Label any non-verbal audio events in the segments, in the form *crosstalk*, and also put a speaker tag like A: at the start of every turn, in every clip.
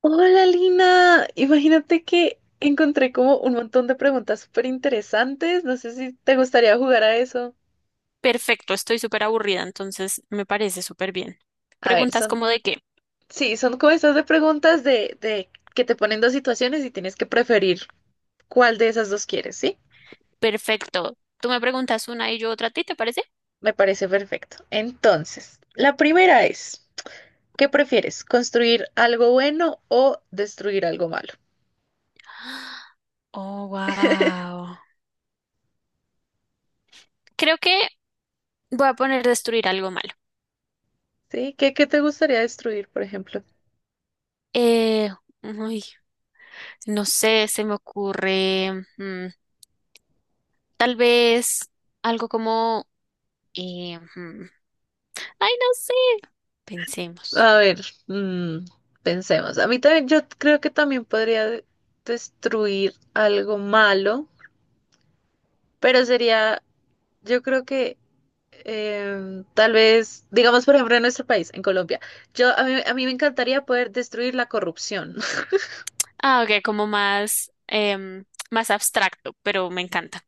A: Hola Lina, imagínate que encontré como un montón de preguntas súper interesantes. No sé si te gustaría jugar a eso.
B: Perfecto, estoy súper aburrida, entonces me parece súper bien.
A: A ver,
B: Preguntas como de qué.
A: sí, son como estas de preguntas de que te ponen dos situaciones y tienes que preferir cuál de esas dos quieres, ¿sí?
B: Perfecto. Tú me preguntas una y yo otra a ti, ¿te parece?
A: Me parece perfecto. Entonces, la primera es, ¿qué prefieres? ¿Construir algo bueno o destruir algo malo?
B: Oh, wow. Creo que voy a poner destruir algo malo.
A: ¿Sí? ¿Qué te gustaría destruir, por ejemplo?
B: Eh, uy, no sé, se me ocurre mm, tal vez algo como... eh, mm, ay, no sé. Pensemos.
A: A ver, mm, pensemos. A mí también, yo creo que también podría destruir algo malo, pero sería, yo creo que tal vez, digamos, por ejemplo, en nuestro país, en Colombia, a mí me encantaría poder destruir la corrupción. *laughs*
B: Ah, ok, como más, más abstracto, pero me encanta.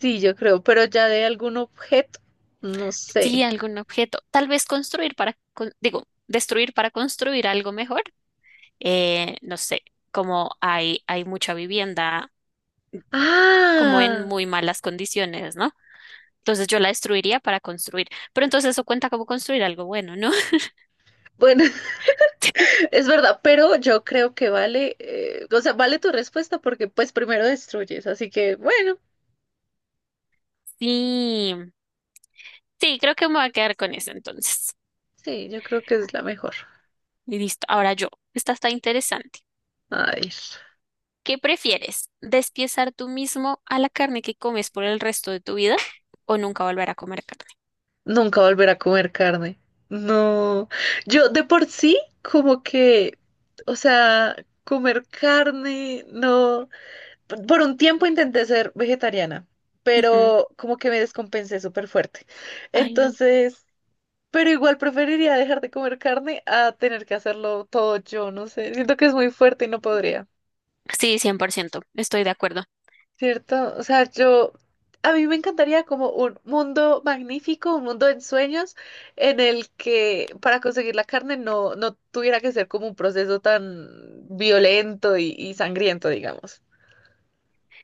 A: Sí, yo creo, pero ya de algún objeto, no
B: Sí,
A: sé.
B: algún objeto. Tal vez construir para, destruir para construir algo mejor. No sé, como hay mucha vivienda como en
A: Ah,
B: muy malas condiciones, ¿no? Entonces yo la destruiría para construir. Pero entonces eso cuenta como construir algo bueno, ¿no?
A: bueno, *laughs*
B: *laughs*
A: es verdad, pero yo creo que vale, o sea, vale tu respuesta porque pues primero destruyes, así que bueno.
B: Sí, sí, creo que me voy a quedar con eso entonces.
A: Sí, yo creo que es la mejor.
B: Y listo. Ahora yo. Esta está interesante.
A: Ay,
B: ¿Qué prefieres? ¿Despiezar tú mismo a la carne que comes por el resto de tu vida o nunca volver a comer carne?
A: nunca volver a comer carne. No, yo de por sí como que, o sea, comer carne, no. Por un tiempo intenté ser vegetariana,
B: Ujú.
A: pero como que me descompensé súper fuerte.
B: Ay, no.
A: Entonces, pero igual preferiría dejar de comer carne a tener que hacerlo todo yo, no sé. Siento que es muy fuerte y no podría.
B: Sí, 100%, estoy de acuerdo.
A: ¿Cierto? O sea, a mí me encantaría como un mundo magnífico, un mundo de sueños, en el que para conseguir la carne no, no tuviera que ser como un proceso tan violento y sangriento, digamos.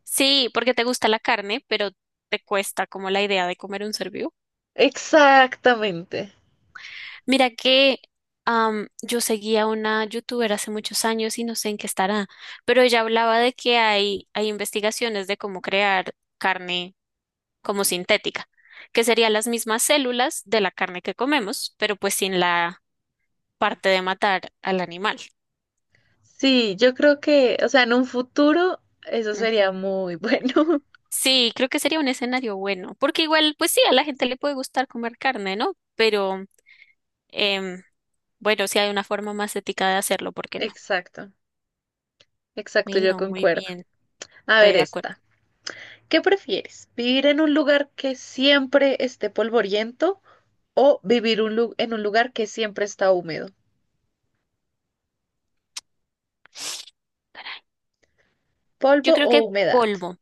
B: Sí, porque te gusta la carne, pero te cuesta como la idea de comer un ser vivo.
A: Exactamente.
B: Mira que yo seguía una youtuber hace muchos años y no sé en qué estará, pero ella hablaba de que hay investigaciones de cómo crear carne como sintética, que serían las mismas células de la carne que comemos, pero pues sin la parte de matar al animal.
A: Sí, yo creo que, o sea, en un futuro eso sería
B: Ujú.
A: muy bueno.
B: Sí, creo que sería un escenario bueno, porque igual, pues sí, a la gente le puede gustar comer carne, ¿no? Pero Em, bueno, si hay una forma más ética de hacerlo, ¿por
A: *laughs*
B: qué no?
A: Exacto, exacto, yo
B: Bueno, muy
A: concuerdo.
B: bien,
A: A
B: estoy
A: ver
B: de acuerdo.
A: esta. ¿Qué prefieres? ¿Vivir en un lugar que siempre esté polvoriento? O vivir en un lugar que siempre está húmedo.
B: Yo
A: Polvo
B: creo
A: o
B: que
A: humedad.
B: polvo.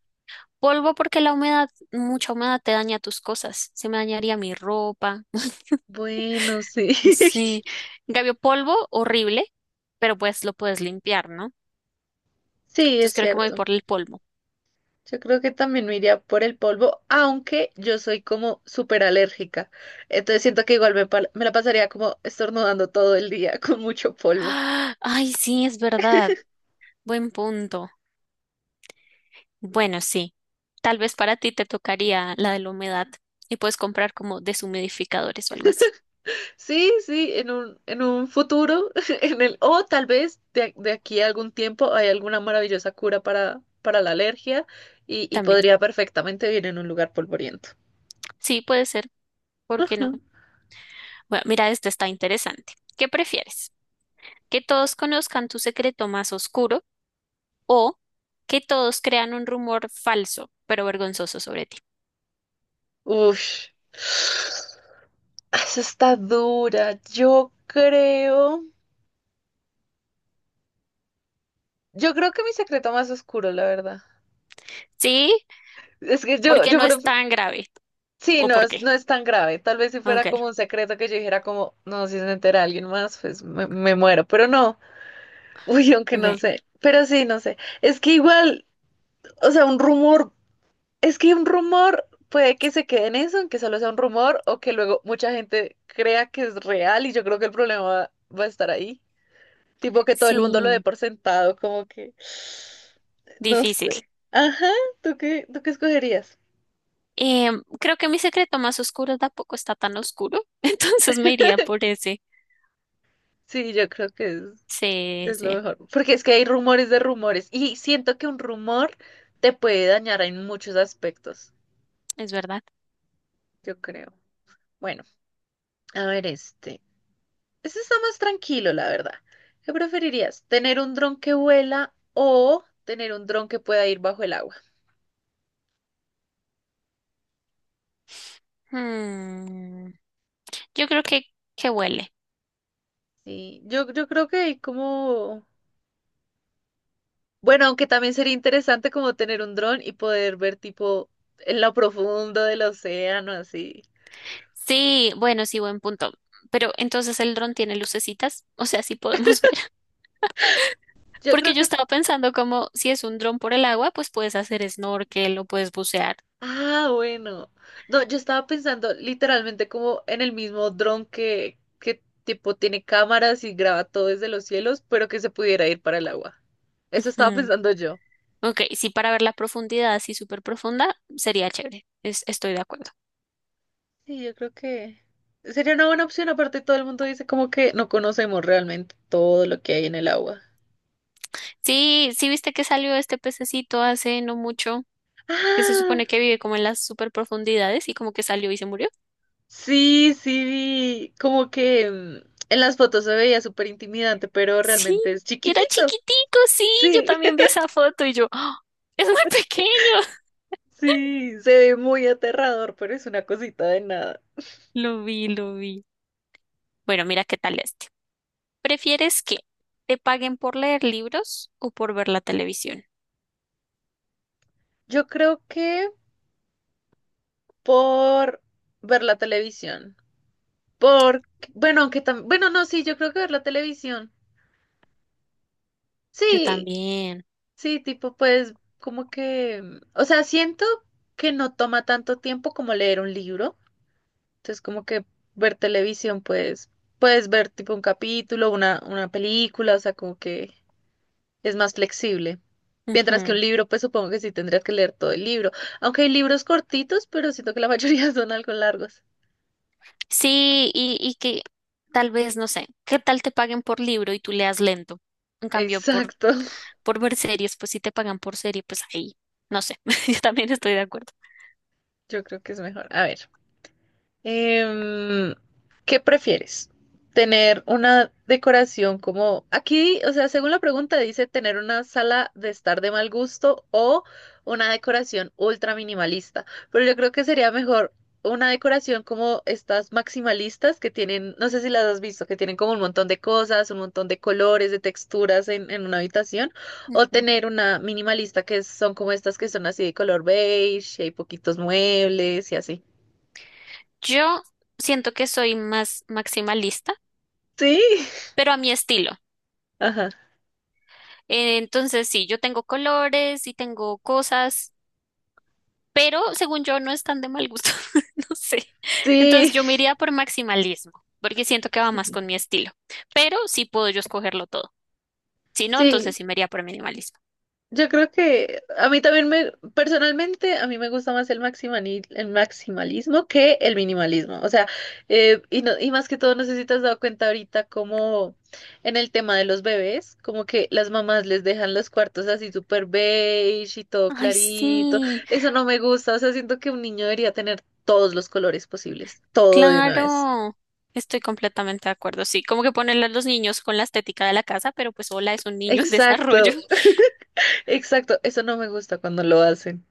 B: Polvo porque la humedad, mucha humedad te daña tus cosas. Se me dañaría mi ropa. *laughs*
A: Bueno, sí. *laughs*
B: Sí. En cambio, polvo, horrible, pero pues lo puedes limpiar, ¿no?
A: Sí,
B: Entonces
A: es
B: creo que me voy
A: cierto.
B: por el polvo.
A: Yo creo que también me iría por el polvo, aunque yo soy como súper alérgica. Entonces siento que igual me la pasaría como estornudando todo el día *laughs* con mucho polvo.
B: ¡Ah! Ay, sí, es verdad. Buen punto. Bueno, sí. Tal vez para ti te tocaría la de la humedad y puedes comprar como deshumidificadores o algo así.
A: Sí, sí, en un futuro, *laughs* o tal vez de aquí a algún tiempo hay alguna maravillosa cura para la alergia y
B: También.
A: podría perfectamente vivir en un lugar polvoriento.
B: Sí, puede ser. ¿Por qué no?
A: *laughs*
B: Bueno, mira, este está interesante. ¿Qué prefieres? ¿Que todos conozcan tu secreto más oscuro o que todos crean un rumor falso, pero vergonzoso sobre ti?
A: Ush. Eso está dura. Yo creo que mi secreto más oscuro, la verdad.
B: Sí,
A: Es que yo,
B: porque
A: yo
B: no es
A: pref-
B: tan grave.
A: sí,
B: ¿O
A: no
B: por
A: es,
B: qué?
A: no es tan grave. Tal vez si fuera
B: Ok,
A: como un secreto que yo dijera como, no, si se entera alguien más, pues me muero. Pero no, *laughs* uy, aunque no
B: ok.
A: sé. Pero sí, no sé. Es que igual, o sea, es que un rumor puede que se quede en eso, en que solo sea un rumor, o que luego mucha gente crea que es real, y yo creo que el problema va a estar ahí. Tipo que todo el mundo lo dé
B: Sí,
A: por sentado, como que, no
B: difícil.
A: sé. Ajá, ¿tú qué escogerías?
B: Creo que mi secreto más oscuro tampoco está tan oscuro, *laughs* entonces me iría por ese.
A: Sí, yo creo que es,
B: Sí,
A: es lo
B: sí,
A: mejor. Porque es que hay rumores de rumores. Y siento que un rumor te puede dañar en muchos aspectos,
B: es verdad.
A: yo creo. Bueno, a ver este. Este está más tranquilo, la verdad. ¿Qué preferirías? ¿Tener un dron que vuela o tener un dron que pueda ir bajo el agua?
B: Hmm, Yo creo que huele.
A: Sí, yo creo que hay como. Bueno, aunque también sería interesante como tener un dron y poder ver tipo en lo profundo del océano, así.
B: Sí, bueno, sí, buen punto. Pero entonces el dron tiene lucecitas, o sea, sí podemos ver. *laughs*
A: Yo
B: Porque
A: creo
B: yo
A: que.
B: estaba pensando como si es un dron por el agua, pues puedes hacer snorkel o puedes bucear.
A: Ah, bueno. No, yo estaba pensando literalmente como en el mismo dron que tipo tiene cámaras y graba todo desde los cielos, pero que se pudiera ir para el agua. Eso estaba
B: Ujú.
A: pensando yo.
B: Ok, sí, para ver la profundidad así súper profunda, sería chévere. Estoy de acuerdo.
A: Sí, yo creo que sería una buena opción. Aparte, todo el mundo dice como que no conocemos realmente todo lo que hay en el agua.
B: Sí, sí, viste que salió este pececito hace no mucho, que se
A: ¡Ah!
B: supone que vive como en las súper profundidades y como que salió y se murió.
A: Sí, sí, vi, como que en las fotos se veía súper intimidante, pero
B: Sí,
A: realmente es
B: era
A: chiquitito.
B: chiquitico, sí, yo
A: Sí,
B: también vi esa foto y yo, ¡ah! Es muy pequeño.
A: *laughs* sí, se ve muy aterrador, pero es una cosita de nada.
B: *laughs* Lo vi, lo vi. Bueno, mira qué tal este. ¿Prefieres que te paguen por leer libros o por ver la televisión?
A: Yo creo que por ver la televisión, por, bueno, aunque también, bueno, no, sí, yo creo que ver la televisión.
B: Yo
A: Sí,
B: también.
A: sí, tipo, pues, como que, o sea, siento que no toma tanto tiempo como leer un libro. Entonces, como que ver televisión, pues, puedes ver tipo un capítulo, una película, o sea, como que es más flexible. Mientras que
B: Ujú.
A: un libro, pues supongo que sí tendrías que leer todo el libro. Aunque hay libros cortitos, pero siento que la mayoría *laughs* son algo largos.
B: Sí, y que tal vez, no sé, ¿qué tal te paguen por libro y tú leas lento? En cambio,
A: Exacto. *laughs*
B: por ver series, pues si te pagan por serie, pues ahí, no sé, *laughs* yo también estoy de acuerdo.
A: Yo creo que es mejor. A ver. Em, ¿Qué prefieres? ¿Tener una decoración como aquí, o sea, según la pregunta dice tener una sala de estar de mal gusto o una decoración ultra minimalista, pero yo creo que sería mejor una decoración como estas maximalistas que tienen, no sé si las has visto, que tienen como un montón de cosas, un montón de colores, de texturas en una habitación, o
B: Ujú.
A: tener una minimalista que son como estas que son así de color beige, y hay poquitos muebles y así.
B: Yo siento que soy más maximalista,
A: Sí.
B: pero a mi estilo.
A: Ajá.
B: Entonces, sí, yo tengo colores y tengo cosas, pero según yo no están de mal gusto. *laughs* No sé.
A: Sí,
B: Entonces, yo me iría por maximalismo, porque siento que va más con mi
A: *laughs*
B: estilo, pero sí puedo yo escogerlo todo. Si no, entonces
A: sí,
B: sí me iría por minimalismo.
A: yo creo que a mí también personalmente, a mí me gusta más el el maximalismo que el minimalismo. O sea, y más que todo, no sé si te has dado cuenta ahorita como en el tema de los bebés, como que las mamás les dejan los cuartos así súper beige y todo
B: Ay,
A: clarito.
B: sí,
A: Eso no me gusta. O sea, siento que un niño debería tener todos los colores posibles, todo de una vez.
B: claro. Estoy completamente de acuerdo. Sí, como que ponerle a los niños con la estética de la casa, pero pues hola, es un niño en desarrollo.
A: Exacto,
B: *laughs*
A: exacto. Eso no me gusta cuando lo hacen.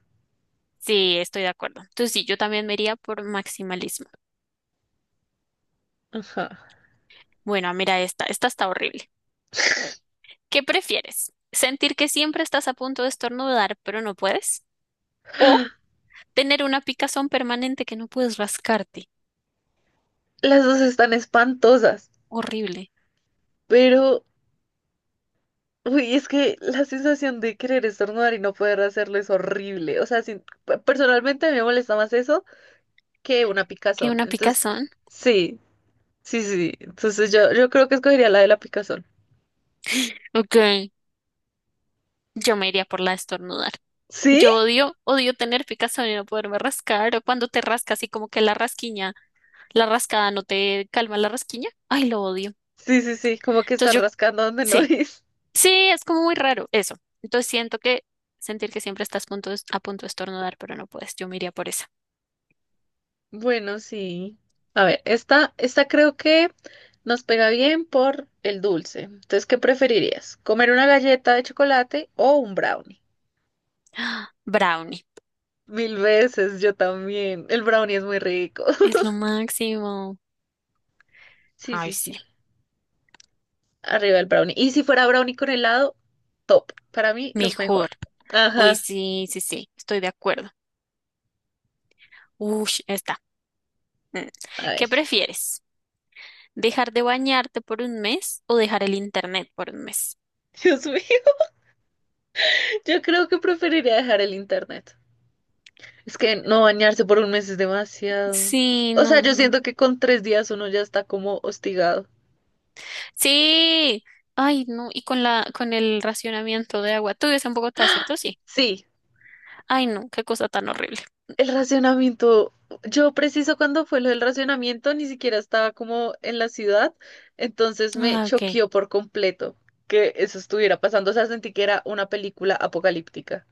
B: Sí, estoy de acuerdo. Entonces sí, yo también me iría por maximalismo.
A: Ajá.
B: Bueno, mira esta, esta está horrible. ¿Qué prefieres? ¿Sentir que siempre estás a punto de estornudar, pero no puedes? O tener una picazón permanente que no puedes rascarte.
A: Las dos están espantosas,
B: Horrible.
A: pero uy, es que la sensación de querer estornudar y no poder hacerlo es horrible. O sea, personalmente me molesta más eso que una
B: ¿Qué
A: picazón.
B: una
A: Entonces,
B: picazón?
A: sí, sí, sí. Entonces yo creo que escogería la de la picazón.
B: Ok, yo me iría por la de estornudar.
A: ¿Sí?
B: Yo odio, odio tener picazón y no poderme rascar, o cuando te rascas y como que la rasquiña, la rascada no te calma la rasquiña. Ay, lo odio.
A: Sí, sí, sí, como que está
B: Entonces yo,
A: rascando donde no *laughs*
B: sí,
A: es.
B: sí, es como muy raro eso. Entonces siento que sentir que siempre estás a punto de estornudar, pero no puedes. Yo me iría por esa.
A: Bueno, sí. A ver, esta creo que nos pega bien por el dulce. Entonces, ¿qué preferirías? ¿Comer una galleta de chocolate o un brownie?
B: Brownie.
A: Mil veces, yo también. El brownie es muy rico.
B: Es
A: *laughs*
B: lo máximo.
A: Sí,
B: Ay,
A: sí,
B: sí.
A: sí. Arriba el brownie. Y si fuera brownie con helado, top. Para mí, lo mejor.
B: Mejor. Uy,
A: Ajá.
B: sí, sí, sí. Estoy de acuerdo. Ush, está. Mm.
A: A
B: ¿Qué
A: ver.
B: prefieres? ¿Dejar de bañarte por un mes o dejar el internet por un mes?
A: Dios mío. *laughs* Yo creo que preferiría dejar el internet. Es que no bañarse por un mes es demasiado.
B: Sí,
A: O sea, yo
B: no.
A: siento que con 3 días uno ya está como hostigado.
B: Sí. Ay, no. Y con la, con el racionamiento de agua. Tú vives en Bogotá, ¿cierto? Sí.
A: Sí,
B: Ay, no. Qué cosa tan horrible.
A: El racionamiento, yo preciso cuando fue lo del racionamiento, ni siquiera estaba como en la ciudad, entonces me
B: Ah, ok.
A: choqueó por completo que eso estuviera pasando, o sea, sentí que era una película apocalíptica.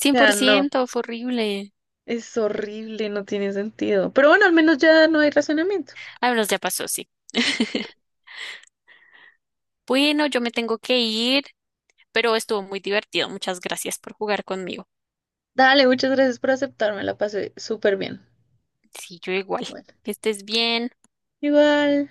A: O sea, no,
B: fue horrible.
A: es horrible, no tiene sentido. Pero bueno, al menos ya no hay racionamiento.
B: Ah, bueno, ya pasó, sí.
A: Sí.
B: *laughs* Bueno, yo me tengo que ir, pero estuvo muy divertido. Muchas gracias por jugar conmigo.
A: Dale, muchas gracias por aceptarme, la pasé súper bien.
B: Sí, yo igual.
A: Bueno,
B: Que estés bien.
A: igual.